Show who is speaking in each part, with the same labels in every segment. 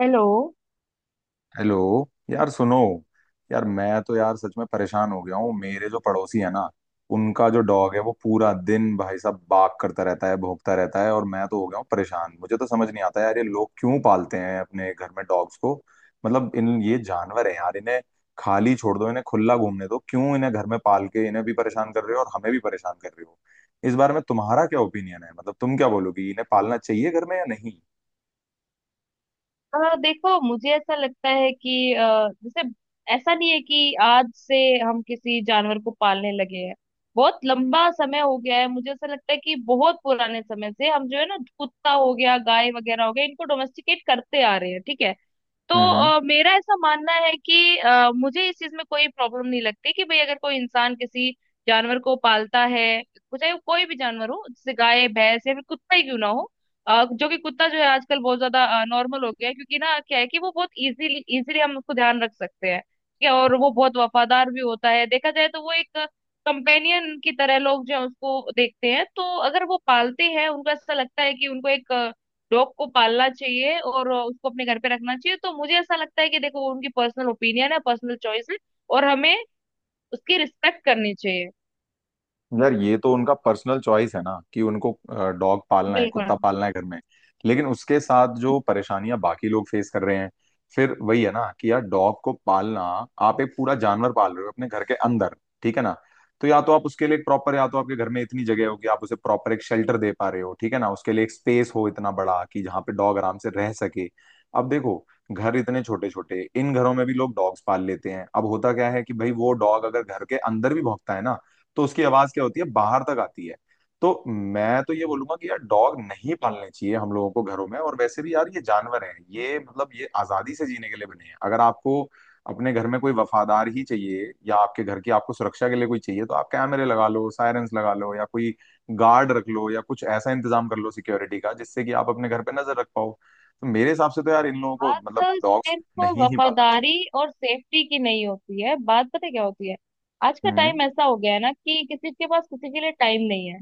Speaker 1: Hello.
Speaker 2: Hello. यार सुनो। यार मैं तो यार सच में परेशान हो गया हूँ। मेरे जो पड़ोसी है ना, उनका जो डॉग है वो पूरा दिन भाई साहब बाग करता रहता है, भौंकता रहता है, और मैं तो हो गया हूँ परेशान। मुझे तो समझ नहीं आता यार, ये लोग क्यों पालते हैं अपने घर में डॉग्स को? मतलब इन ये जानवर है यार, इन्हें खाली छोड़ दो, इन्हें खुला घूमने दो, क्यों इन्हें घर में पाल के इन्हें भी परेशान कर रहे हो और हमें भी परेशान कर रहे हो? इस बारे में तुम्हारा क्या ओपिनियन है? मतलब तुम क्या बोलोगी, इन्हें पालना चाहिए घर में या नहीं?
Speaker 1: देखो मुझे ऐसा लगता है कि जैसे ऐसा नहीं है कि आज से हम किसी जानवर को पालने लगे हैं। बहुत लंबा समय हो गया है। मुझे ऐसा लगता है कि बहुत पुराने समय से हम जो है ना कुत्ता हो गया, गाय वगैरह हो गया, इनको डोमेस्टिकेट करते आ रहे हैं, ठीक है। तो
Speaker 2: हम्म।
Speaker 1: मेरा ऐसा मानना है कि मुझे इस चीज में कोई प्रॉब्लम नहीं लगती कि भाई अगर कोई इंसान किसी जानवर को पालता है, चाहे वो कोई भी जानवर हो जैसे गाय, भैंस या फिर कुत्ता ही क्यों ना हो। जो कि कुत्ता जो है आजकल बहुत ज्यादा नॉर्मल हो गया है, क्योंकि ना क्या है कि वो बहुत इजीली इजीली हम उसको ध्यान रख सकते हैं, ठीक है। और वो बहुत वफादार भी होता है, देखा जाए तो वो एक कंपेनियन की तरह लोग जो है उसको देखते हैं। तो अगर वो पालते हैं उनको ऐसा लगता है कि उनको एक डॉग को पालना चाहिए और उसको अपने घर पे रखना चाहिए, तो मुझे ऐसा लगता है कि देखो वो उनकी पर्सनल ओपिनियन है, पर्सनल चॉइस है और हमें उसकी रिस्पेक्ट करनी चाहिए।
Speaker 2: यार ये तो उनका पर्सनल चॉइस है ना कि उनको डॉग पालना है, कुत्ता
Speaker 1: बिल्कुल।
Speaker 2: पालना है घर में। लेकिन उसके साथ जो परेशानियां बाकी लोग फेस कर रहे हैं, फिर वही है ना कि यार डॉग को पालना, आप एक पूरा जानवर पाल रहे हो अपने घर के अंदर, ठीक है ना? तो या तो आप उसके लिए प्रॉपर, या तो आपके घर में इतनी जगह हो कि आप उसे प्रॉपर एक शेल्टर दे पा रहे हो, ठीक है ना, उसके लिए एक स्पेस हो इतना बड़ा कि जहाँ पे डॉग आराम से रह सके। अब देखो, घर इतने छोटे छोटे, इन घरों में भी लोग डॉग्स पाल लेते हैं। अब होता क्या है कि भाई वो डॉग अगर घर के अंदर भी भौंकता है ना, तो उसकी आवाज क्या होती है, बाहर तक आती है। तो मैं तो ये बोलूंगा कि यार डॉग नहीं पालने चाहिए हम लोगों को घरों में। और वैसे भी यार ये जानवर हैं, ये मतलब ये आजादी से जीने के लिए बने हैं। अगर आपको अपने घर में कोई वफादार ही चाहिए या आपके घर की आपको सुरक्षा के लिए कोई चाहिए, तो आप कैमरे लगा लो, सायरेंस लगा लो, या कोई गार्ड रख लो, या कुछ ऐसा इंतजाम कर लो सिक्योरिटी का जिससे कि आप अपने घर पे नजर रख पाओ। तो मेरे हिसाब से तो यार इन लोगों को मतलब
Speaker 1: बात
Speaker 2: डॉग्स
Speaker 1: सिर्फ
Speaker 2: नहीं ही पालना चाहिए।
Speaker 1: वफादारी और सेफ्टी की नहीं होती है। बात पता है क्या होती है? आज का
Speaker 2: हम्म।
Speaker 1: टाइम ऐसा हो गया है ना कि किसी के पास किसी के लिए टाइम नहीं है।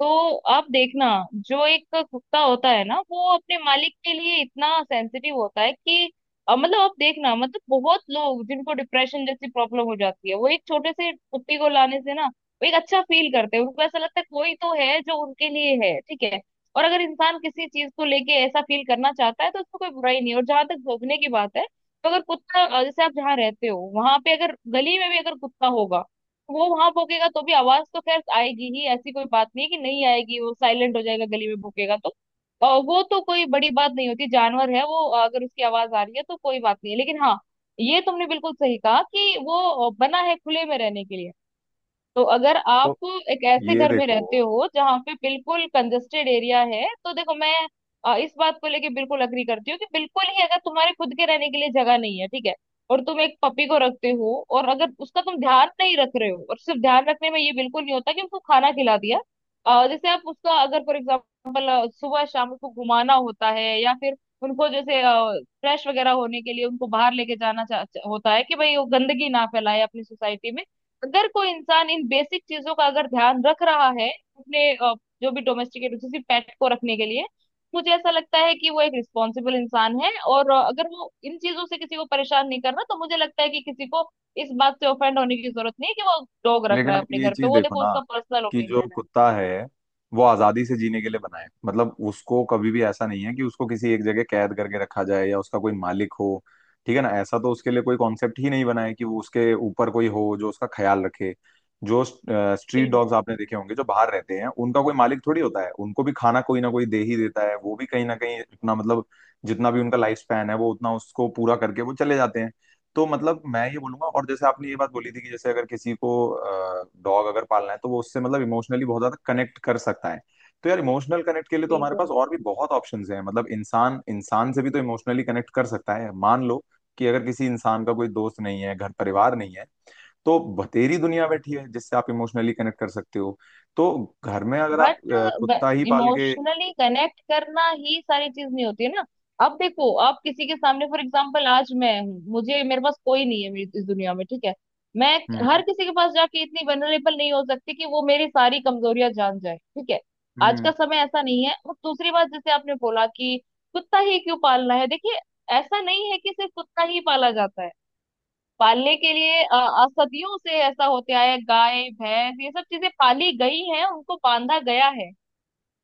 Speaker 1: तो आप देखना, जो एक कुत्ता होता है ना वो अपने मालिक के लिए इतना सेंसिटिव होता है कि मतलब आप देखना, मतलब बहुत लोग जिनको डिप्रेशन जैसी प्रॉब्लम हो जाती है वो एक छोटे से कुत्ती को लाने से ना वो एक अच्छा फील करते हैं। उनको ऐसा लगता है कोई तो है जो उनके लिए है, ठीक है। और अगर इंसान किसी चीज को लेके ऐसा फील करना चाहता है तो उसको कोई बुराई नहीं है। और जहां तक भौंकने की बात है, तो अगर कुत्ता जैसे आप जहाँ रहते हो वहां पे अगर गली में भी अगर कुत्ता होगा वो वहां भौंकेगा तो भी आवाज तो खैर आएगी ही। ऐसी कोई बात नहीं है कि नहीं आएगी, वो साइलेंट हो जाएगा। गली में भौंकेगा तो, और वो तो कोई बड़ी बात नहीं होती, जानवर है वो। अगर उसकी आवाज आ रही है तो कोई बात नहीं है। लेकिन हाँ, ये तुमने बिल्कुल सही कहा कि वो बना है खुले में रहने के लिए। तो अगर आप
Speaker 2: तो
Speaker 1: एक ऐसे
Speaker 2: ये
Speaker 1: घर में
Speaker 2: देखो।
Speaker 1: रहते हो जहाँ पे बिल्कुल कंजेस्टेड एरिया है तो देखो मैं इस बात को लेके बिल्कुल अग्री करती हूँ कि बिल्कुल ही अगर तुम्हारे खुद के रहने के लिए जगह नहीं है, ठीक है, और तुम एक पपी को रखते हो और अगर उसका तुम ध्यान नहीं रख रहे हो। और सिर्फ ध्यान रखने में ये बिल्कुल नहीं होता कि उसको खाना खिला दिया। जैसे आप उसका अगर फॉर एग्जाम्पल सुबह शाम उसको घुमाना होता है या फिर उनको जैसे फ्रेश वगैरह होने के लिए उनको बाहर लेके जाना चा, चा- होता है कि भाई वो गंदगी ना फैलाए अपनी सोसाइटी में। अगर कोई इंसान इन बेसिक चीजों का अगर ध्यान रख रहा है अपने जो भी डोमेस्टिकेट जैसे पेट को रखने के लिए, मुझे ऐसा लगता है कि वो एक रिस्पॉन्सिबल इंसान है। और अगर वो इन चीजों से किसी को परेशान नहीं करना तो मुझे लगता है कि किसी को इस बात से ऑफेंड होने की जरूरत नहीं है कि वो डॉग रख
Speaker 2: लेकिन
Speaker 1: रहा है
Speaker 2: आप
Speaker 1: अपने
Speaker 2: ये
Speaker 1: घर पे।
Speaker 2: चीज
Speaker 1: वो
Speaker 2: देखो
Speaker 1: देखो
Speaker 2: ना
Speaker 1: उसका पर्सनल
Speaker 2: कि जो
Speaker 1: ओपिनियन है।
Speaker 2: कुत्ता है वो आजादी से जीने के लिए बना है। मतलब उसको कभी भी ऐसा नहीं है कि उसको किसी एक जगह कैद करके रखा जाए या उसका कोई मालिक हो, ठीक है ना। ऐसा तो उसके लिए कोई कॉन्सेप्ट ही नहीं बना है कि वो उसके ऊपर कोई हो जो उसका ख्याल रखे। जो स्ट्रीट
Speaker 1: बिल्कुल,
Speaker 2: डॉग्स आपने देखे होंगे जो बाहर रहते हैं, उनका कोई मालिक थोड़ी होता है। उनको भी खाना कोई ना कोई दे ही देता है, वो भी कहीं ना कहीं अपना मतलब जितना भी उनका लाइफ स्पैन है वो उतना उसको पूरा करके वो चले जाते हैं। तो मतलब मैं ये बोलूंगा, और जैसे आपने ये बात बोली थी कि जैसे अगर किसी को डॉग अगर पालना है तो वो उससे मतलब इमोशनली बहुत ज्यादा कनेक्ट कर सकता है, तो यार इमोशनल कनेक्ट के लिए तो हमारे पास
Speaker 1: बिल्कुल।
Speaker 2: और भी बहुत ऑप्शंस हैं। मतलब इंसान इंसान से भी तो इमोशनली कनेक्ट कर सकता है। मान लो कि अगर किसी इंसान का कोई दोस्त नहीं है, घर परिवार नहीं है, तो बतेरी दुनिया बैठी है जिससे आप इमोशनली कनेक्ट कर सकते हो। तो घर में अगर आप
Speaker 1: बट
Speaker 2: कुत्ता ही पाल के।
Speaker 1: इमोशनली कनेक्ट करना ही सारी चीज नहीं होती है ना। अब देखो, आप किसी के सामने फॉर एग्जांपल आज मैं हूँ, मुझे मेरे पास कोई नहीं है मेरी इस दुनिया में, ठीक है। मैं हर
Speaker 2: हम्म
Speaker 1: किसी के पास जाके इतनी वनरेबल नहीं हो सकती कि वो मेरी सारी कमजोरियां जान जाए, ठीक है। आज
Speaker 2: हम्म।
Speaker 1: का समय ऐसा नहीं है। और दूसरी बात, जैसे आपने बोला कि कुत्ता ही क्यों पालना है, देखिए ऐसा नहीं है कि सिर्फ कुत्ता ही पाला जाता है। पालने के लिए सदियों से ऐसा होते आया है, गाय, भैंस ये सब चीजें पाली गई हैं, उनको बांधा गया है,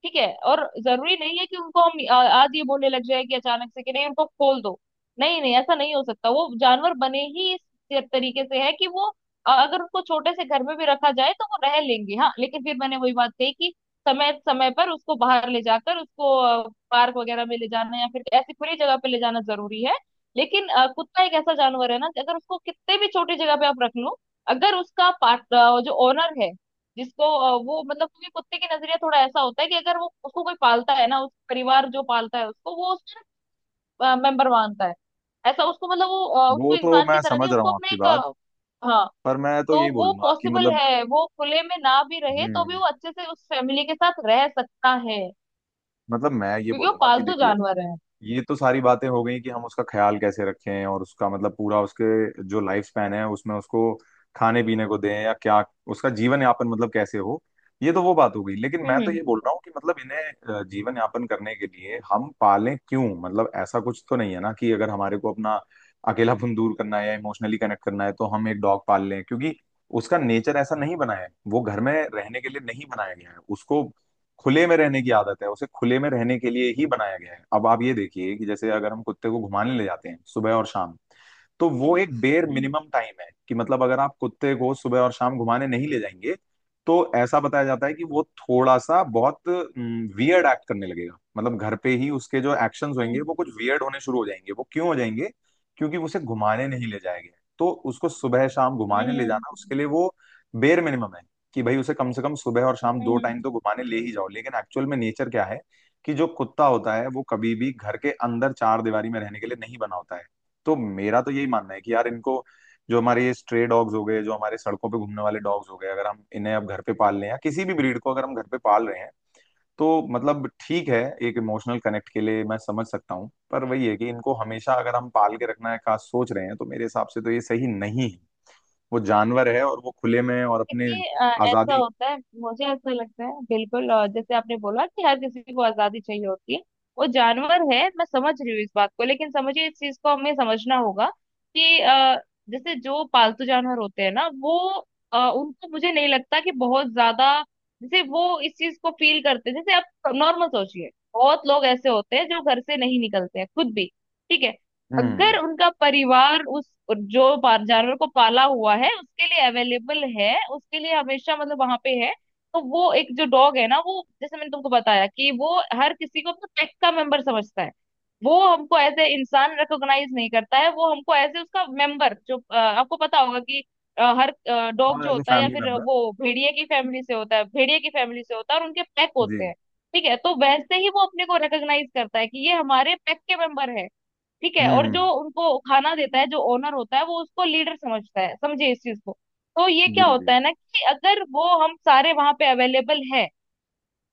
Speaker 1: ठीक है। और जरूरी नहीं है कि उनको हम आज ये बोलने लग जाए कि अचानक से कि नहीं, उनको खोल दो। नहीं नहीं, ऐसा नहीं हो सकता। वो जानवर बने ही इस तरीके से है कि वो अगर उनको छोटे से घर में भी रखा जाए तो वो रह लेंगे। हाँ, लेकिन फिर मैंने वही बात कही कि समय समय पर उसको बाहर ले जाकर उसको पार्क वगैरह में ले जाना या फिर ऐसी खुली जगह पे ले जाना जरूरी है। लेकिन कुत्ता एक ऐसा जानवर है ना कि अगर उसको कितने भी छोटी जगह पे आप रख लो, अगर उसका पार्ट जो ओनर है, जिसको वो मतलब, क्योंकि कुत्ते की नजरिया थोड़ा ऐसा होता है कि अगर वो उसको कोई पालता है ना उस परिवार जो पालता है उसको वो उसका मेंबर मानता है। ऐसा उसको मतलब वो उसको
Speaker 2: वो तो
Speaker 1: इंसान की
Speaker 2: मैं
Speaker 1: तरह नहीं,
Speaker 2: समझ रहा
Speaker 1: उसको
Speaker 2: हूँ
Speaker 1: अपने
Speaker 2: आपकी
Speaker 1: एक
Speaker 2: बात।
Speaker 1: हाँ
Speaker 2: पर मैं तो
Speaker 1: तो
Speaker 2: यही
Speaker 1: वो
Speaker 2: बोलूंगा कि
Speaker 1: पॉसिबल
Speaker 2: मतलब,
Speaker 1: है वो खुले में ना भी रहे तो भी
Speaker 2: हम्म,
Speaker 1: वो अच्छे से उस फैमिली के साथ रह सकता है,
Speaker 2: मतलब मैं ये
Speaker 1: क्योंकि वो
Speaker 2: बोलूंगा कि
Speaker 1: पालतू
Speaker 2: देखिए,
Speaker 1: जानवर है।
Speaker 2: ये तो सारी बातें हो गई कि हम उसका ख्याल कैसे रखें और उसका मतलब पूरा उसके जो लाइफ स्पैन है उसमें उसको खाने पीने को दें या क्या, उसका जीवन यापन मतलब कैसे हो। ये तो वो बात हो गई, लेकिन मैं तो
Speaker 1: हम्म।
Speaker 2: ये बोल रहा हूँ कि मतलब इन्हें जीवन यापन करने के लिए हम पालें क्यों? मतलब ऐसा कुछ तो नहीं है ना कि अगर हमारे को अपना अकेलापन दूर करना है या इमोशनली कनेक्ट करना है तो हम एक डॉग पाल लें, क्योंकि उसका नेचर ऐसा नहीं बना है, वो घर में रहने के लिए नहीं बनाया गया है, उसको खुले में रहने की आदत है, उसे खुले में रहने के लिए ही बनाया गया है। अब आप ये देखिए कि जैसे अगर हम कुत्ते को घुमाने ले जाते हैं सुबह और शाम, तो वो एक बेर
Speaker 1: हम्म।
Speaker 2: मिनिमम टाइम है कि मतलब अगर आप कुत्ते को सुबह और शाम घुमाने नहीं ले जाएंगे, तो ऐसा बताया जाता है कि वो थोड़ा सा बहुत वियर्ड एक्ट करने लगेगा। मतलब घर पे ही उसके जो एक्शंस होंगे
Speaker 1: हम्म।
Speaker 2: वो कुछ वियर्ड होने शुरू हो जाएंगे। वो क्यों हो जाएंगे? क्योंकि उसे घुमाने नहीं ले जाया गया है। तो उसको सुबह शाम
Speaker 1: हम्म।
Speaker 2: घुमाने ले
Speaker 1: हम्म।
Speaker 2: जाना
Speaker 1: हम्म।
Speaker 2: उसके लिए वो बेर मिनिमम है कि भाई उसे कम से कम सुबह और
Speaker 1: हम्म।
Speaker 2: शाम दो
Speaker 1: हम्म।
Speaker 2: टाइम तो घुमाने ले ही जाओ। लेकिन एक्चुअल में नेचर क्या है कि जो कुत्ता होता है वो कभी भी घर के अंदर चार दीवारी में रहने के लिए नहीं बना होता है। तो मेरा तो यही मानना है कि यार इनको, जो हमारे ये स्ट्रे डॉग्स हो गए, जो हमारे सड़कों पे घूमने वाले डॉग्स हो गए, अगर हम इन्हें अब घर पे पाल लें या किसी भी ब्रीड को अगर हम घर पे पाल रहे हैं, तो मतलब ठीक है, एक इमोशनल कनेक्ट के लिए मैं समझ सकता हूँ, पर वही है कि इनको हमेशा अगर हम पाल के रखना है का सोच रहे हैं तो मेरे हिसाब से तो ये सही नहीं है। वो जानवर है और वो खुले में और अपने
Speaker 1: देखिए, ऐसा
Speaker 2: आजादी।
Speaker 1: होता है, मुझे ऐसा लगता है बिल्कुल। और जैसे आपने बोला कि हर किसी को आजादी चाहिए होती है, वो जानवर है, मैं समझ रही हूँ इस बात को, लेकिन समझिए इस चीज को हमें समझना होगा कि जैसे जो पालतू जानवर होते हैं ना वो उनको मुझे नहीं लगता कि बहुत ज्यादा जैसे वो इस चीज को फील करते हैं। जैसे आप नॉर्मल सोचिए, बहुत लोग ऐसे होते हैं जो घर से नहीं निकलते हैं खुद भी, ठीक है। अगर
Speaker 2: हम्म।
Speaker 1: उनका परिवार उस जो जानवर को पाला हुआ है उसके लिए अवेलेबल है, उसके लिए हमेशा मतलब वहां पे है, तो वो एक जो डॉग है ना, वो जैसे मैंने तुमको बताया कि वो हर किसी को अपना पेट का मेंबर समझता है। वो हमको एज ए इंसान रिकॉग्नाइज नहीं करता है, वो हमको एज ए उसका मेंबर जो आपको पता होगा कि हर डॉग
Speaker 2: हाँ,
Speaker 1: जो
Speaker 2: एज ए
Speaker 1: होता है या
Speaker 2: फैमिली
Speaker 1: फिर
Speaker 2: मेंबर।
Speaker 1: वो भेड़िए की फैमिली से होता है, भेड़िए की फैमिली से होता है और उनके पैक
Speaker 2: जी।
Speaker 1: होते हैं, ठीक है। तो वैसे ही वो अपने को रिकॉग्नाइज करता है कि ये हमारे पैक के मेंबर है, ठीक है। और जो
Speaker 2: हम्म।
Speaker 1: उनको खाना देता है जो ओनर होता है वो उसको लीडर समझता है, समझे इस चीज को। तो ये
Speaker 2: जी
Speaker 1: क्या
Speaker 2: जी।
Speaker 1: होता है ना कि अगर वो हम सारे वहां पे अवेलेबल है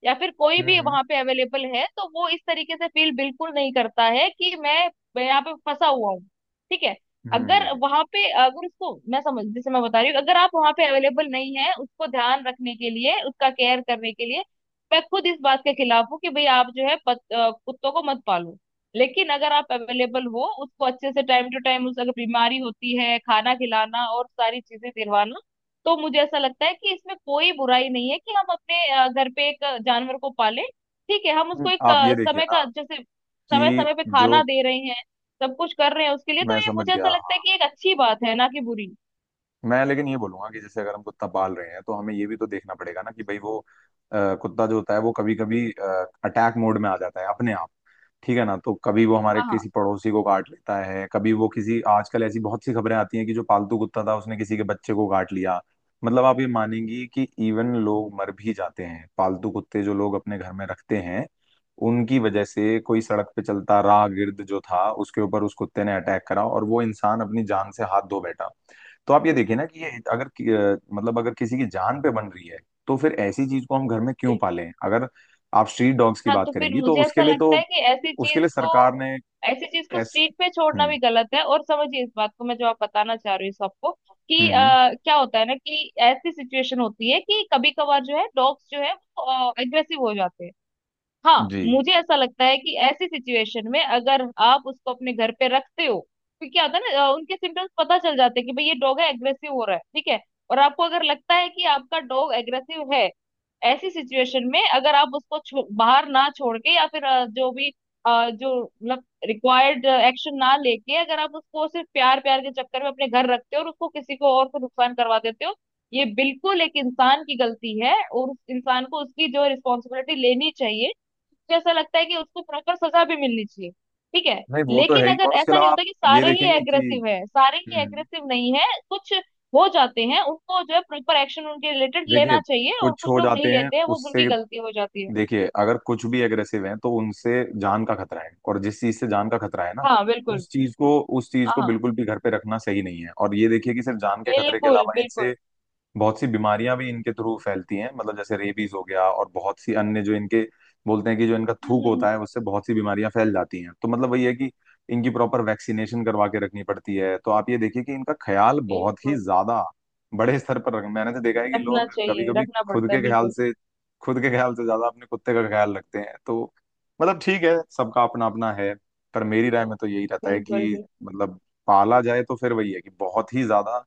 Speaker 1: या फिर कोई भी
Speaker 2: हम्म
Speaker 1: वहां पे अवेलेबल है तो वो इस तरीके से फील बिल्कुल नहीं करता है कि मैं यहाँ पे फंसा हुआ हूँ, ठीक है। अगर
Speaker 2: हम्म।
Speaker 1: वहां पे अगर उसको मैं समझ जैसे मैं बता रही हूँ, अगर आप वहां पे अवेलेबल नहीं है उसको ध्यान रखने के लिए, उसका केयर करने के लिए, मैं खुद इस बात के खिलाफ हूँ कि भाई आप जो है कुत्तों को मत पालो। लेकिन अगर आप अवेलेबल हो उसको अच्छे से टाइम टू टाइम, उस अगर बीमारी होती है, खाना खिलाना और सारी चीजें दिलवाना, तो मुझे ऐसा लगता है कि इसमें कोई बुराई नहीं है कि हम अपने घर पे एक जानवर को पालें, ठीक है। हम उसको
Speaker 2: हम्म।
Speaker 1: एक
Speaker 2: आप ये देखिए
Speaker 1: समय
Speaker 2: ना
Speaker 1: का जैसे समय
Speaker 2: कि
Speaker 1: समय पे
Speaker 2: जो,
Speaker 1: खाना दे रहे हैं, सब कुछ कर रहे हैं उसके लिए, तो
Speaker 2: मैं
Speaker 1: ये
Speaker 2: समझ
Speaker 1: मुझे
Speaker 2: गया।
Speaker 1: ऐसा लगता है
Speaker 2: हाँ।
Speaker 1: कि एक अच्छी बात है ना कि बुरी।
Speaker 2: मैं लेकिन ये बोलूंगा कि जैसे अगर हम कुत्ता पाल रहे हैं तो हमें ये भी तो देखना पड़ेगा ना कि भाई वो कुत्ता जो होता है वो कभी कभी अटैक मोड में आ जाता है अपने आप, ठीक है ना। तो कभी वो हमारे
Speaker 1: हाँ, हाँ,
Speaker 2: किसी पड़ोसी को काट लेता है, कभी वो किसी, आजकल ऐसी बहुत सी खबरें आती हैं कि जो पालतू कुत्ता था उसने किसी के बच्चे को काट लिया। मतलब आप ये मानेंगी कि इवन लोग मर भी जाते हैं, पालतू कुत्ते जो लोग अपने घर में रखते हैं उनकी वजह से कोई सड़क पे चलता राहगीर जो था उसके ऊपर उस कुत्ते ने अटैक करा और वो इंसान अपनी जान से हाथ धो बैठा। तो आप ये देखिए ना कि ये अगर मतलब अगर किसी की जान पे बन रही है, तो फिर ऐसी चीज को हम घर में क्यों
Speaker 1: बिल्कुल।
Speaker 2: पालें? अगर आप स्ट्रीट डॉग्स की
Speaker 1: हाँ,
Speaker 2: बात
Speaker 1: तो फिर
Speaker 2: करेंगी तो
Speaker 1: मुझे
Speaker 2: उसके
Speaker 1: ऐसा
Speaker 2: लिए
Speaker 1: लगता
Speaker 2: तो,
Speaker 1: है कि ऐसी
Speaker 2: उसके
Speaker 1: चीज
Speaker 2: लिए
Speaker 1: को,
Speaker 2: सरकार ने।
Speaker 1: ऐसी चीज को
Speaker 2: एस।
Speaker 1: स्ट्रीट पे छोड़ना
Speaker 2: हम्म
Speaker 1: भी गलत है। और समझिए इस बात को, मैं जो आप बताना चाह रही हूँ सबको कि
Speaker 2: हम्म।
Speaker 1: क्या होता है ना कि ऐसी सिचुएशन होती है कि कभी कभार जो है डॉग्स जो है वो एग्रेसिव हो जाते हैं। हाँ,
Speaker 2: जी।
Speaker 1: मुझे ऐसा लगता है कि ऐसी सिचुएशन में अगर आप उसको अपने घर पे रखते हो तो क्या होता है ना, उनके सिम्टम्स पता चल जाते हैं कि भाई ये डॉग है एग्रेसिव हो रहा है, ठीक है। और आपको अगर लगता है कि आपका डॉग एग्रेसिव है ऐसी सिचुएशन में अगर आप उसको बाहर ना छोड़ के या फिर जो भी जो मतलब रिक्वायर्ड एक्शन ना लेके अगर आप उसको सिर्फ प्यार प्यार के चक्कर में अपने घर रखते हो और उसको किसी को और को नुकसान करवा देते हो, ये बिल्कुल एक इंसान की गलती है और उस इंसान को उसकी जो रिस्पॉन्सिबिलिटी लेनी चाहिए। जैसा लगता है कि उसको प्रॉपर सजा भी मिलनी चाहिए, ठीक है।
Speaker 2: नहीं, वो तो है
Speaker 1: लेकिन
Speaker 2: ही,
Speaker 1: अगर
Speaker 2: और उसके
Speaker 1: ऐसा
Speaker 2: अलावा
Speaker 1: नहीं
Speaker 2: आप
Speaker 1: होता कि
Speaker 2: ये
Speaker 1: सारे ही
Speaker 2: देखेंगे कि,
Speaker 1: एग्रेसिव है, सारे ही
Speaker 2: हम्म,
Speaker 1: एग्रेसिव नहीं है, कुछ हो जाते हैं। उनको जो है प्रॉपर एक्शन उनके रिलेटेड
Speaker 2: देखिए
Speaker 1: लेना चाहिए, और
Speaker 2: कुछ
Speaker 1: कुछ
Speaker 2: हो
Speaker 1: लोग नहीं
Speaker 2: जाते हैं
Speaker 1: लेते हैं वो उनकी
Speaker 2: उससे।
Speaker 1: गलती हो जाती है।
Speaker 2: देखिए अगर कुछ भी एग्रेसिव हैं तो उनसे जान का खतरा है। और जिस चीज से जान का खतरा है ना,
Speaker 1: हाँ, बिल्कुल।
Speaker 2: उस चीज को, उस चीज
Speaker 1: हाँ,
Speaker 2: को
Speaker 1: हाँ।
Speaker 2: बिल्कुल भी घर पे रखना सही नहीं है। और ये देखिए कि सिर्फ जान के खतरे के
Speaker 1: बिल्कुल,
Speaker 2: अलावा
Speaker 1: बिल्कुल।
Speaker 2: इनसे बहुत सी बीमारियां भी इनके थ्रू फैलती हैं। मतलब जैसे रेबीज हो गया और बहुत सी अन्य जो इनके बोलते हैं कि जो इनका
Speaker 1: हम्म। हम्म।
Speaker 2: थूक
Speaker 1: हम्म।
Speaker 2: होता है उससे बहुत सी बीमारियां फैल जाती हैं। तो मतलब वही है कि इनकी प्रॉपर वैक्सीनेशन करवा के रखनी पड़ती है। तो आप ये देखिए कि इनका ख्याल बहुत ही
Speaker 1: बिल्कुल।
Speaker 2: ज्यादा बड़े स्तर पर रख, मैंने तो देखा है कि
Speaker 1: रखना
Speaker 2: लोग कभी
Speaker 1: चाहिए,
Speaker 2: कभी
Speaker 1: रखना
Speaker 2: खुद
Speaker 1: पड़ता
Speaker 2: के
Speaker 1: है,
Speaker 2: ख्याल
Speaker 1: बिल्कुल।
Speaker 2: से, खुद के ख्याल से ज्यादा अपने कुत्ते का ख्याल रखते हैं। तो मतलब ठीक है, सबका अपना अपना है। पर मेरी राय में तो यही रहता है
Speaker 1: बिल्कुल।
Speaker 2: कि
Speaker 1: बिल्कुल।
Speaker 2: मतलब पाला जाए तो फिर वही है कि बहुत ही ज्यादा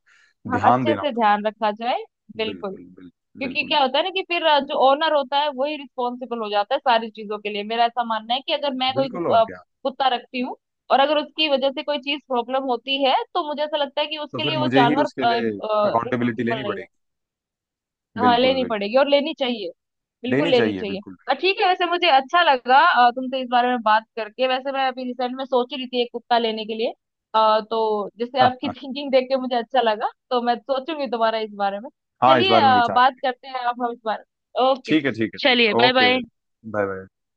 Speaker 1: हाँ,
Speaker 2: ध्यान
Speaker 1: अच्छे
Speaker 2: देना।
Speaker 1: से ध्यान रखा जाए। बिल्कुल।
Speaker 2: बिल्कुल बिल्कुल।
Speaker 1: क्योंकि
Speaker 2: बिल्कुल
Speaker 1: क्या होता है ना कि फिर जो ओनर होता है वही रिस्पॉन्सिबल हो जाता है सारी चीजों के लिए। मेरा ऐसा मानना है कि अगर मैं कोई
Speaker 2: बिल्कुल और
Speaker 1: अ,
Speaker 2: क्या।
Speaker 1: कुत्ता रखती हूँ और अगर उसकी वजह से कोई चीज प्रॉब्लम होती है, तो मुझे ऐसा लगता है कि
Speaker 2: तो
Speaker 1: उसके
Speaker 2: फिर
Speaker 1: लिए वो
Speaker 2: मुझे ही
Speaker 1: जानवर
Speaker 2: उसके लिए अकाउंटेबिलिटी लेनी
Speaker 1: रिस्पॉन्सिबल नहीं
Speaker 2: पड़ेगी।
Speaker 1: है। हाँ,
Speaker 2: बिल्कुल
Speaker 1: लेनी
Speaker 2: बिल्कुल।
Speaker 1: पड़ेगी और लेनी चाहिए, बिल्कुल
Speaker 2: लेनी
Speaker 1: लेनी
Speaker 2: चाहिए
Speaker 1: चाहिए।
Speaker 2: बिल्कुल।
Speaker 1: ठीक है, वैसे मुझे अच्छा लगा तुमसे इस बारे में बात करके। वैसे मैं अभी रिसेंट में सोच ही रही थी एक कुत्ता लेने के लिए, तो जैसे
Speaker 2: हाँ
Speaker 1: आपकी
Speaker 2: हाँ।
Speaker 1: थिंकिंग देख के मुझे अच्छा लगा, तो मैं सोचूंगी दोबारा इस बारे में।
Speaker 2: हाँ, इस
Speaker 1: चलिए
Speaker 2: बारे में विचार
Speaker 1: बात
Speaker 2: करेंगे।
Speaker 1: करते हैं आप हम इस बारे में। ओके।
Speaker 2: ठीक है ठीक है ठीक
Speaker 1: चलिए,
Speaker 2: है।
Speaker 1: Bye
Speaker 2: okay.
Speaker 1: Bye.
Speaker 2: Bye bye.